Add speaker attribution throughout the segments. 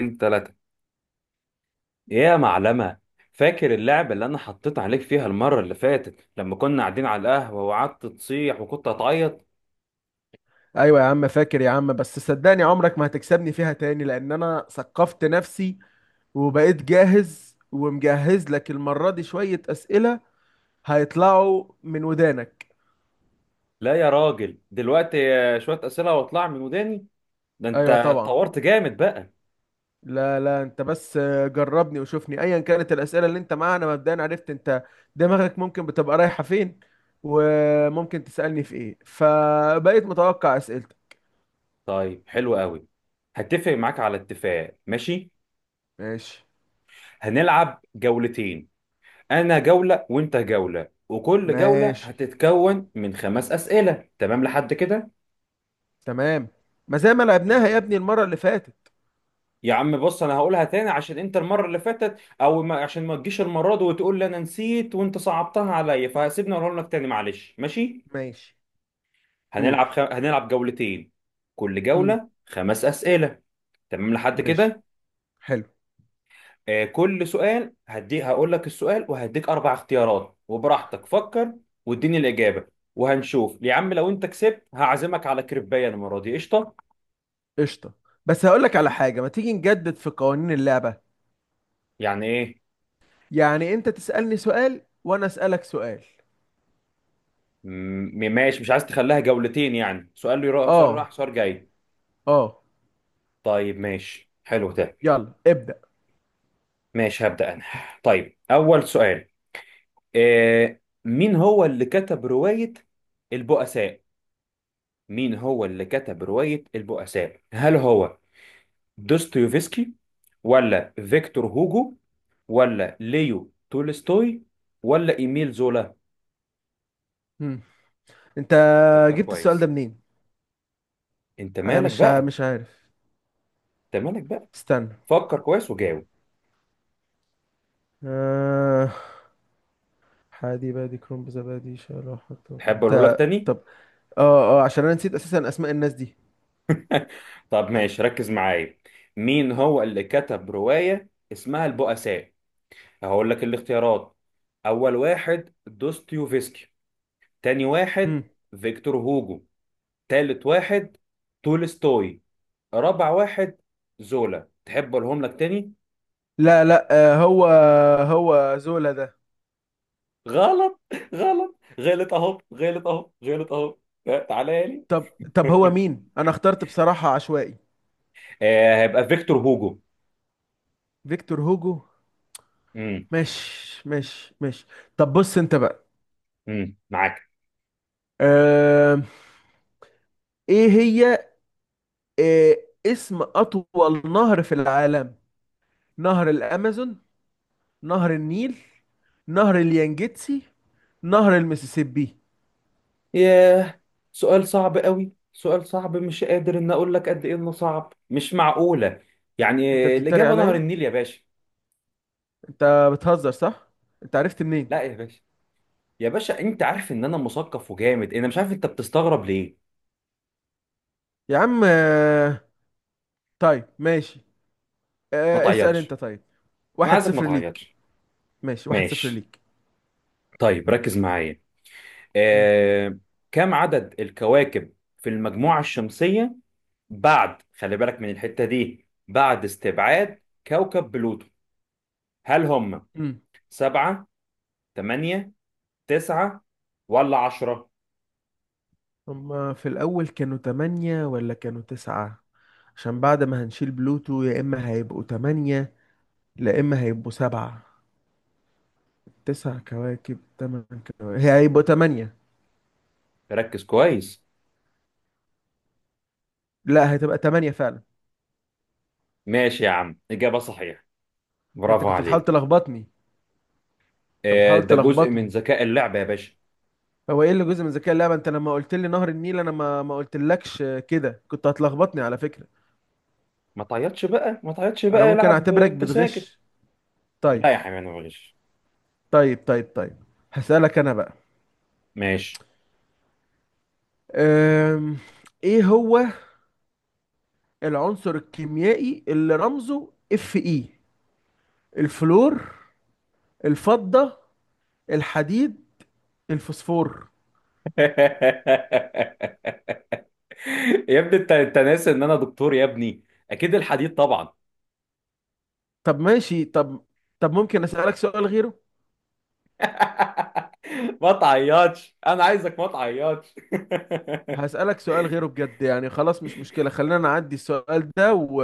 Speaker 1: اتنين تلاتة. ايه يا معلمة؟ فاكر اللعبة اللي أنا حطيت عليك فيها المرة اللي فاتت لما كنا قاعدين على القهوة وقعدت تصيح وكنت هتعيط؟
Speaker 2: ايوه يا عم، فاكر يا عم، بس صدقني عمرك ما هتكسبني فيها تاني لان انا ثقفت نفسي وبقيت جاهز ومجهز لك المرة دي شوية اسئلة هيطلعوا من ودانك.
Speaker 1: لا يا راجل، دلوقتي شوية أسئلة واطلع من وداني؟ ده أنت
Speaker 2: ايوه طبعا.
Speaker 1: اتطورت جامد بقى.
Speaker 2: لا، لا، انت بس جربني وشوفني ايا كانت الاسئلة اللي انت معاها. انا مبدئيا عرفت انت دماغك ممكن بتبقى رايحة فين وممكن تسألني في ايه، فبقيت متوقع اسئلتك.
Speaker 1: طيب حلو قوي. هتفق معاك على اتفاق، ماشي؟
Speaker 2: ماشي.
Speaker 1: هنلعب جولتين. أنا جولة وأنت جولة، وكل جولة
Speaker 2: ماشي.
Speaker 1: هتتكون من خمس أسئلة. تمام لحد كده؟
Speaker 2: تمام. ما زي ما لعبناها يا ابني المرة اللي فاتت.
Speaker 1: يا عم بص، انا هقولها تاني عشان انت المره اللي فاتت او ما عشان ما تجيش المره دي وتقول لي انا نسيت وانت صعبتها عليا، فسيبني اقولها لك تاني، معلش، ماشي.
Speaker 2: ماشي. قول.
Speaker 1: هنلعب جولتين. كل
Speaker 2: مم.
Speaker 1: جوله خمس اسئله. تمام لحد
Speaker 2: ماشي.
Speaker 1: كده.
Speaker 2: حلو.
Speaker 1: آه كل سؤال هدي هقول لك السؤال وهديك اربع اختيارات، وبراحتك فكر واديني الاجابه. وهنشوف يا عم، لو انت كسبت هعزمك على كريبايه المره دي، قشطه.
Speaker 2: قشطة. بس هقول لك على حاجة، ما تيجي نجدد في قوانين اللعبة؟
Speaker 1: يعني ايه؟
Speaker 2: يعني انت تسألني سؤال وانا أسألك سؤال.
Speaker 1: ماشي، مش عايز تخليها جولتين، يعني سؤال يروح سؤال،
Speaker 2: اه.
Speaker 1: راح سؤال جاي؟
Speaker 2: اه.
Speaker 1: طيب ماشي، حلو ده.
Speaker 2: يلا ابدأ.
Speaker 1: ماشي هبدأ أنا. طيب أول سؤال. مين هو اللي كتب رواية البؤساء؟ مين هو اللي كتب رواية البؤساء؟ هل هو دوستويفسكي، ولا فيكتور هوجو، ولا ليو تولستوي، ولا إيميل زولا؟
Speaker 2: مم. انت
Speaker 1: فكر
Speaker 2: جبت السؤال ده
Speaker 1: كويس.
Speaker 2: منين؟
Speaker 1: أنت
Speaker 2: انا
Speaker 1: مالك
Speaker 2: مش
Speaker 1: بقى؟
Speaker 2: مش عارف.
Speaker 1: أنت مالك بقى؟
Speaker 2: استنى.
Speaker 1: فكر كويس وجاوب.
Speaker 2: آه حادي بادي كرنب زبادي شرح.
Speaker 1: تحب أقوله لك
Speaker 2: انت.
Speaker 1: تاني؟
Speaker 2: طب. اه، اه، عشان انا نسيت اساسا اسماء الناس دي.
Speaker 1: طب ماشي، ركز معايا. مين هو اللي كتب رواية اسمها البؤساء؟ هقول لك الاختيارات. اول واحد دوستويفسكي. تاني واحد
Speaker 2: مم.
Speaker 1: فيكتور هوجو. تالت واحد تولستوي. رابع واحد زولا. تحب اقولهم لك تاني؟
Speaker 2: لا، لا، هو. هو زولا ده؟
Speaker 1: غلط، غلط، غلط اهو، غلط اهو، غلط اهو. لا، تعالى لي.
Speaker 2: طب. طب هو مين؟ انا اخترت بصراحة عشوائي.
Speaker 1: آه، هيبقى فيكتور هوجو.
Speaker 2: فيكتور هوجو.
Speaker 1: امم
Speaker 2: ماشي. ماشي. ماشي. طب بص انت بقى.
Speaker 1: معاك.
Speaker 2: آه... ايه هي؟ آه... اسم اطول نهر في العالم؟ نهر الامازون، نهر النيل، نهر اليانجيتسي، نهر المسيسيبي؟
Speaker 1: ياه، سؤال صعب قوي، سؤال صعب، مش قادر ان اقول لك قد ايه انه صعب، مش معقولة. يعني
Speaker 2: انت بتتريق
Speaker 1: الاجابة نهر
Speaker 2: عليا؟
Speaker 1: النيل يا باشا.
Speaker 2: انت بتهزر صح؟ انت عرفت
Speaker 1: لا
Speaker 2: منين؟
Speaker 1: يا باشا، يا باشا انت عارف ان انا مثقف وجامد، انا مش عارف انت بتستغرب ليه.
Speaker 2: يا عم، طيب ماشي.
Speaker 1: ما
Speaker 2: اسأل انت
Speaker 1: تعيطش،
Speaker 2: طيب.
Speaker 1: انا
Speaker 2: واحد
Speaker 1: عايزك ما
Speaker 2: صفر ليك.
Speaker 1: تعيطش.
Speaker 2: ماشي. واحد صفر
Speaker 1: ماشي.
Speaker 2: ليك.
Speaker 1: طيب ركز معايا.
Speaker 2: مم.
Speaker 1: آه... كم عدد الكواكب في المجموعة الشمسية، بعد خلي بالك من الحتة دي، بعد
Speaker 2: مم.
Speaker 1: استبعاد كوكب بلوتو؟ هل هم
Speaker 2: مم.
Speaker 1: سبعة، تمانية، تسعة، ولا عشرة؟
Speaker 2: هما في الأول كانوا تمانية ولا كانوا تسعة؟ عشان بعد ما هنشيل بلوتو يا اما هيبقوا تمانية، لا اما هيبقوا سبعة. تسع كواكب، تمن كواكب، هي هيبقوا تمانية.
Speaker 1: ركز كويس.
Speaker 2: لا، هتبقى تمانية فعلا.
Speaker 1: ماشي يا عم، إجابة صحيحة،
Speaker 2: انت
Speaker 1: برافو
Speaker 2: كنت بتحاول
Speaker 1: عليك.
Speaker 2: تلخبطني. انت بتحاول
Speaker 1: ده جزء من
Speaker 2: تلخبطني.
Speaker 1: ذكاء اللعبة يا باشا.
Speaker 2: هو ايه اللي جزء من ذكاء اللعبة؟ انت لما قلت لي نهر النيل انا ما قلتلكش كده، كنت هتلخبطني على فكرة.
Speaker 1: ما تعيطش بقى، ما تعيطش
Speaker 2: انا
Speaker 1: بقى،
Speaker 2: ممكن
Speaker 1: يلعب
Speaker 2: اعتبرك
Speaker 1: انت ساكت.
Speaker 2: بتغش؟ طيب.
Speaker 1: لا يا حبيبي، انا معلش.
Speaker 2: طيب. طيب. طيب هسألك انا بقى.
Speaker 1: ماشي.
Speaker 2: أم... ايه هو العنصر الكيميائي اللي رمزه اف اي؟ الفلور، الفضة، الحديد، الفوسفور؟
Speaker 1: يا ابني، انت ناسي ان انا دكتور يا ابني. اكيد الحديد طبعا.
Speaker 2: طب ماشي. طب. طب ممكن اسالك سؤال غيره؟
Speaker 1: ما تعيطش، انا عايزك ما تعيطش.
Speaker 2: هسالك سؤال غيره بجد. يعني خلاص مش مشكله، خلينا نعدي السؤال ده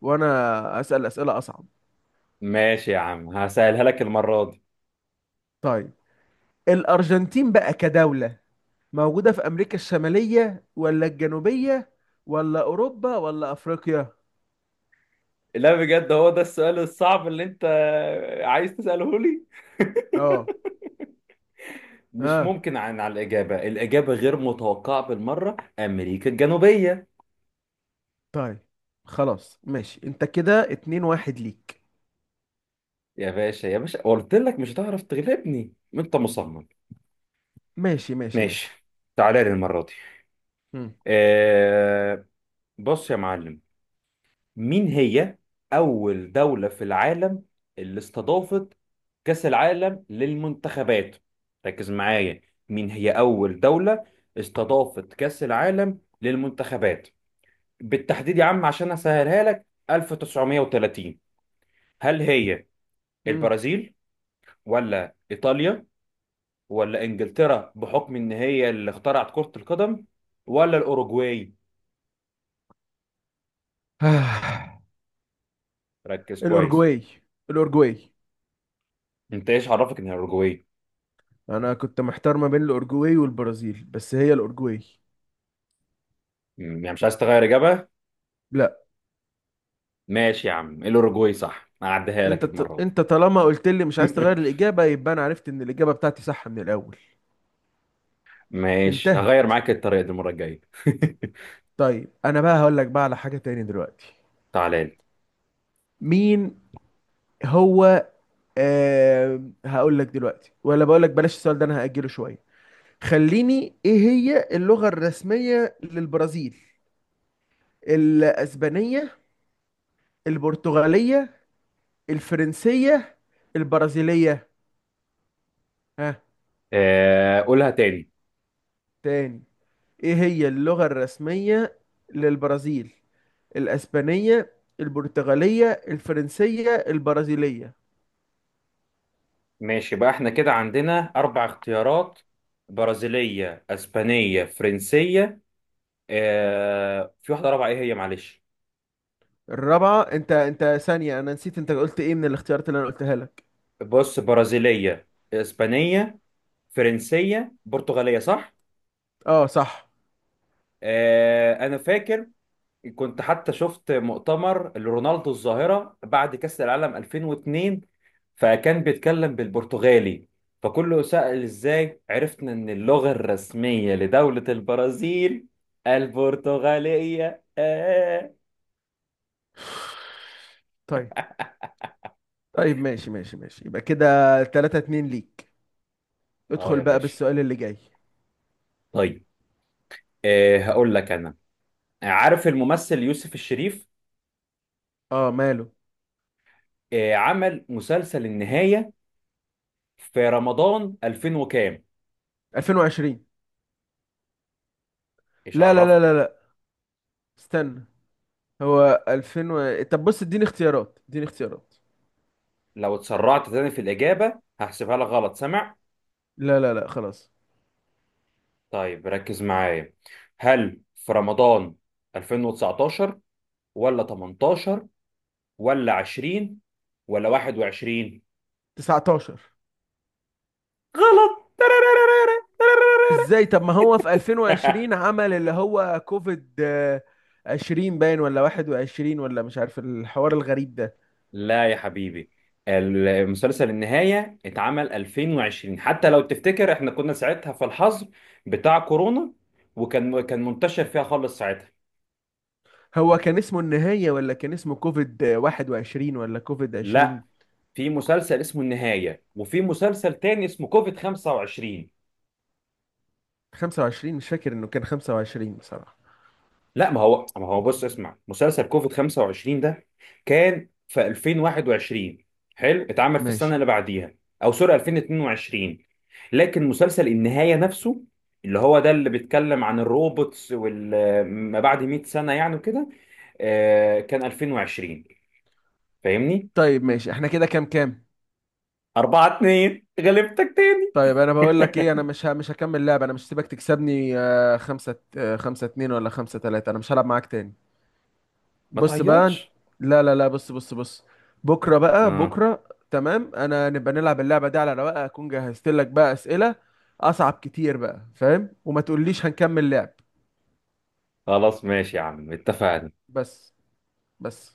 Speaker 2: وانا اسال اسئله اصعب.
Speaker 1: ماشي يا عم، هسألها لك المرة دي.
Speaker 2: طيب، الارجنتين بقى كدوله موجوده في امريكا الشماليه ولا الجنوبيه ولا اوروبا ولا افريقيا؟
Speaker 1: لا بجد، هو ده السؤال الصعب اللي انت عايز تسأله لي؟
Speaker 2: اه.
Speaker 1: مش
Speaker 2: اه.
Speaker 1: ممكن على الإجابة، الإجابة غير متوقعة بالمرة، أمريكا الجنوبية.
Speaker 2: طيب خلاص ماشي، انت كده اتنين واحد ليك.
Speaker 1: يا باشا، يا باشا قلت لك مش هتعرف تغلبني، انت مصمم.
Speaker 2: ماشي. ماشي. ماشي.
Speaker 1: ماشي. تعالى لي المرة دي.
Speaker 2: مم.
Speaker 1: آه، بص يا معلم. مين هي أول دولة في العالم اللي استضافت كأس العالم للمنتخبات؟ ركز معايا. مين هي أول دولة استضافت كأس العالم للمنتخبات بالتحديد يا عم، عشان أسهلها لك، 1930؟ هل هي
Speaker 2: مم.
Speaker 1: البرازيل، ولا إيطاليا، ولا انجلترا بحكم ان هي اللي اخترعت كرة القدم، ولا الاوروجواي؟
Speaker 2: آه.
Speaker 1: ركز كويس.
Speaker 2: الأورجواي. الأورجواي.
Speaker 1: انت ايش عرفك ان هي الاوروجواي؟
Speaker 2: انا كنت محتار ما بين الاورجواي والبرازيل، بس هي الاورجواي.
Speaker 1: يعني مش عايز تغير اجابة؟
Speaker 2: لا.
Speaker 1: ماشي يا عم، الاوروجواي صح، هعديها
Speaker 2: انت
Speaker 1: لك المرة دي.
Speaker 2: انت طالما قلت لي مش عايز تغير الاجابه، يبقى انا عرفت ان الاجابه بتاعتي صح من الاول.
Speaker 1: ماشي، هغير
Speaker 2: انتهت.
Speaker 1: معاك الطريقة دي المرة الجاية.
Speaker 2: طيب انا بقى هقول لك بقى على حاجه تاني دلوقتي.
Speaker 1: تعالى لي.
Speaker 2: مين هو؟ هقول لك دلوقتي ولا بقول لك بلاش السؤال ده؟ انا هاجله شويه. خليني. ايه هي اللغه الرسميه للبرازيل؟ الاسبانيه، البرتغاليه، الفرنسيه، البرازيليه؟ ها؟
Speaker 1: آه، قولها تاني.
Speaker 2: تاني. ايه هي اللغة الرسمية للبرازيل؟ الاسبانية، البرتغالية، الفرنسية، البرازيلية.
Speaker 1: ماشي بقى، احنا كده عندنا اربع اختيارات. برازيلية، اسبانية، فرنسية. في واحدة رابعة، ايه هي، معلش.
Speaker 2: الرابعة. انت. انت ثانية، انا نسيت، انت قلت ايه من الاختيارات اللي انا قلتها لك؟
Speaker 1: بص، برازيلية، اسبانية، فرنسية، برتغالية، صح؟
Speaker 2: اه، صح.
Speaker 1: آه أنا فاكر، كنت حتى شفت مؤتمر لرونالدو الظاهرة بعد كأس العالم 2002، فكان بيتكلم بالبرتغالي. فكله سأل، إزاي عرفنا إن اللغة الرسمية لدولة البرازيل البرتغالية. آه،
Speaker 2: طيب. طيب ماشي. ماشي. ماشي. يبقى كده 3-2 ليك.
Speaker 1: آه
Speaker 2: ادخل
Speaker 1: يا
Speaker 2: بقى
Speaker 1: باشا
Speaker 2: بالسؤال اللي جاي.
Speaker 1: طيب. هقول لك أنا، عارف الممثل يوسف الشريف؟
Speaker 2: اه، ماله؟
Speaker 1: عمل مسلسل النهاية في رمضان 2000 وكام؟
Speaker 2: 2020.
Speaker 1: ايش
Speaker 2: لا، لا، لا،
Speaker 1: عرفك؟
Speaker 2: لا، لا، استنى. هو 2000 طب بص اديني اختيارات، اديني اختيارات.
Speaker 1: لو اتسرعت تاني في الإجابة هحسبها لك غلط، سامع؟
Speaker 2: لا، لا، لا، خلاص.
Speaker 1: طيب ركز معايا، هل في رمضان 2019، ولا 18، ولا 20، ولا 21؟
Speaker 2: 19.
Speaker 1: غلط.
Speaker 2: ازاي؟ طب ما هو في 2020 عمل اللي هو كوفيد 20 باين ولا 21 ولا مش عارف الحوار الغريب ده.
Speaker 1: لا يا حبيبي، المسلسل النهاية اتعمل 2020، حتى لو تفتكر احنا كنا ساعتها في الحظر بتاع كورونا، وكان كان منتشر فيها خالص ساعتها.
Speaker 2: هو كان اسمه النهاية ولا كان اسمه كوفيد 21 ولا كوفيد
Speaker 1: لا،
Speaker 2: 20؟
Speaker 1: في مسلسل اسمه النهاية، وفي مسلسل تاني اسمه كوفيد 25.
Speaker 2: 25؟ مش فاكر انه كان 25 بصراحة.
Speaker 1: لا ما هو، بص اسمع، مسلسل كوفيد 25 ده كان في 2021، حلو، اتعمل في السنة
Speaker 2: ماشي.
Speaker 1: اللي بعديها، او سوري 2022. لكن مسلسل النهاية نفسه، اللي هو ده اللي بيتكلم عن الروبوتس وال ما بعد 100 سنة يعني وكده، كان 2020، فاهمني؟
Speaker 2: طيب ماشي، احنا كده كام كام؟
Speaker 1: 4-2 غلبتك تاني.
Speaker 2: طيب انا بقول لك ايه، انا مش مش هكمل لعب. انا مش هسيبك تكسبني خمسة خمسة اتنين ولا خمسة تلاتة. انا مش هلعب معاك تاني.
Speaker 1: ما
Speaker 2: بص بقى
Speaker 1: تعيطش.
Speaker 2: لا، لا، لا، بص، بص، بص. بكره بقى،
Speaker 1: اه،
Speaker 2: بكره. تمام. انا نبقى نلعب اللعبه دي على رواقه، اكون جهزت لك بقى اسئله اصعب كتير بقى، فاهم؟ وما تقوليش هنكمل لعب.
Speaker 1: خلاص ماشي يا عم، اتفقنا.
Speaker 2: بس. بس.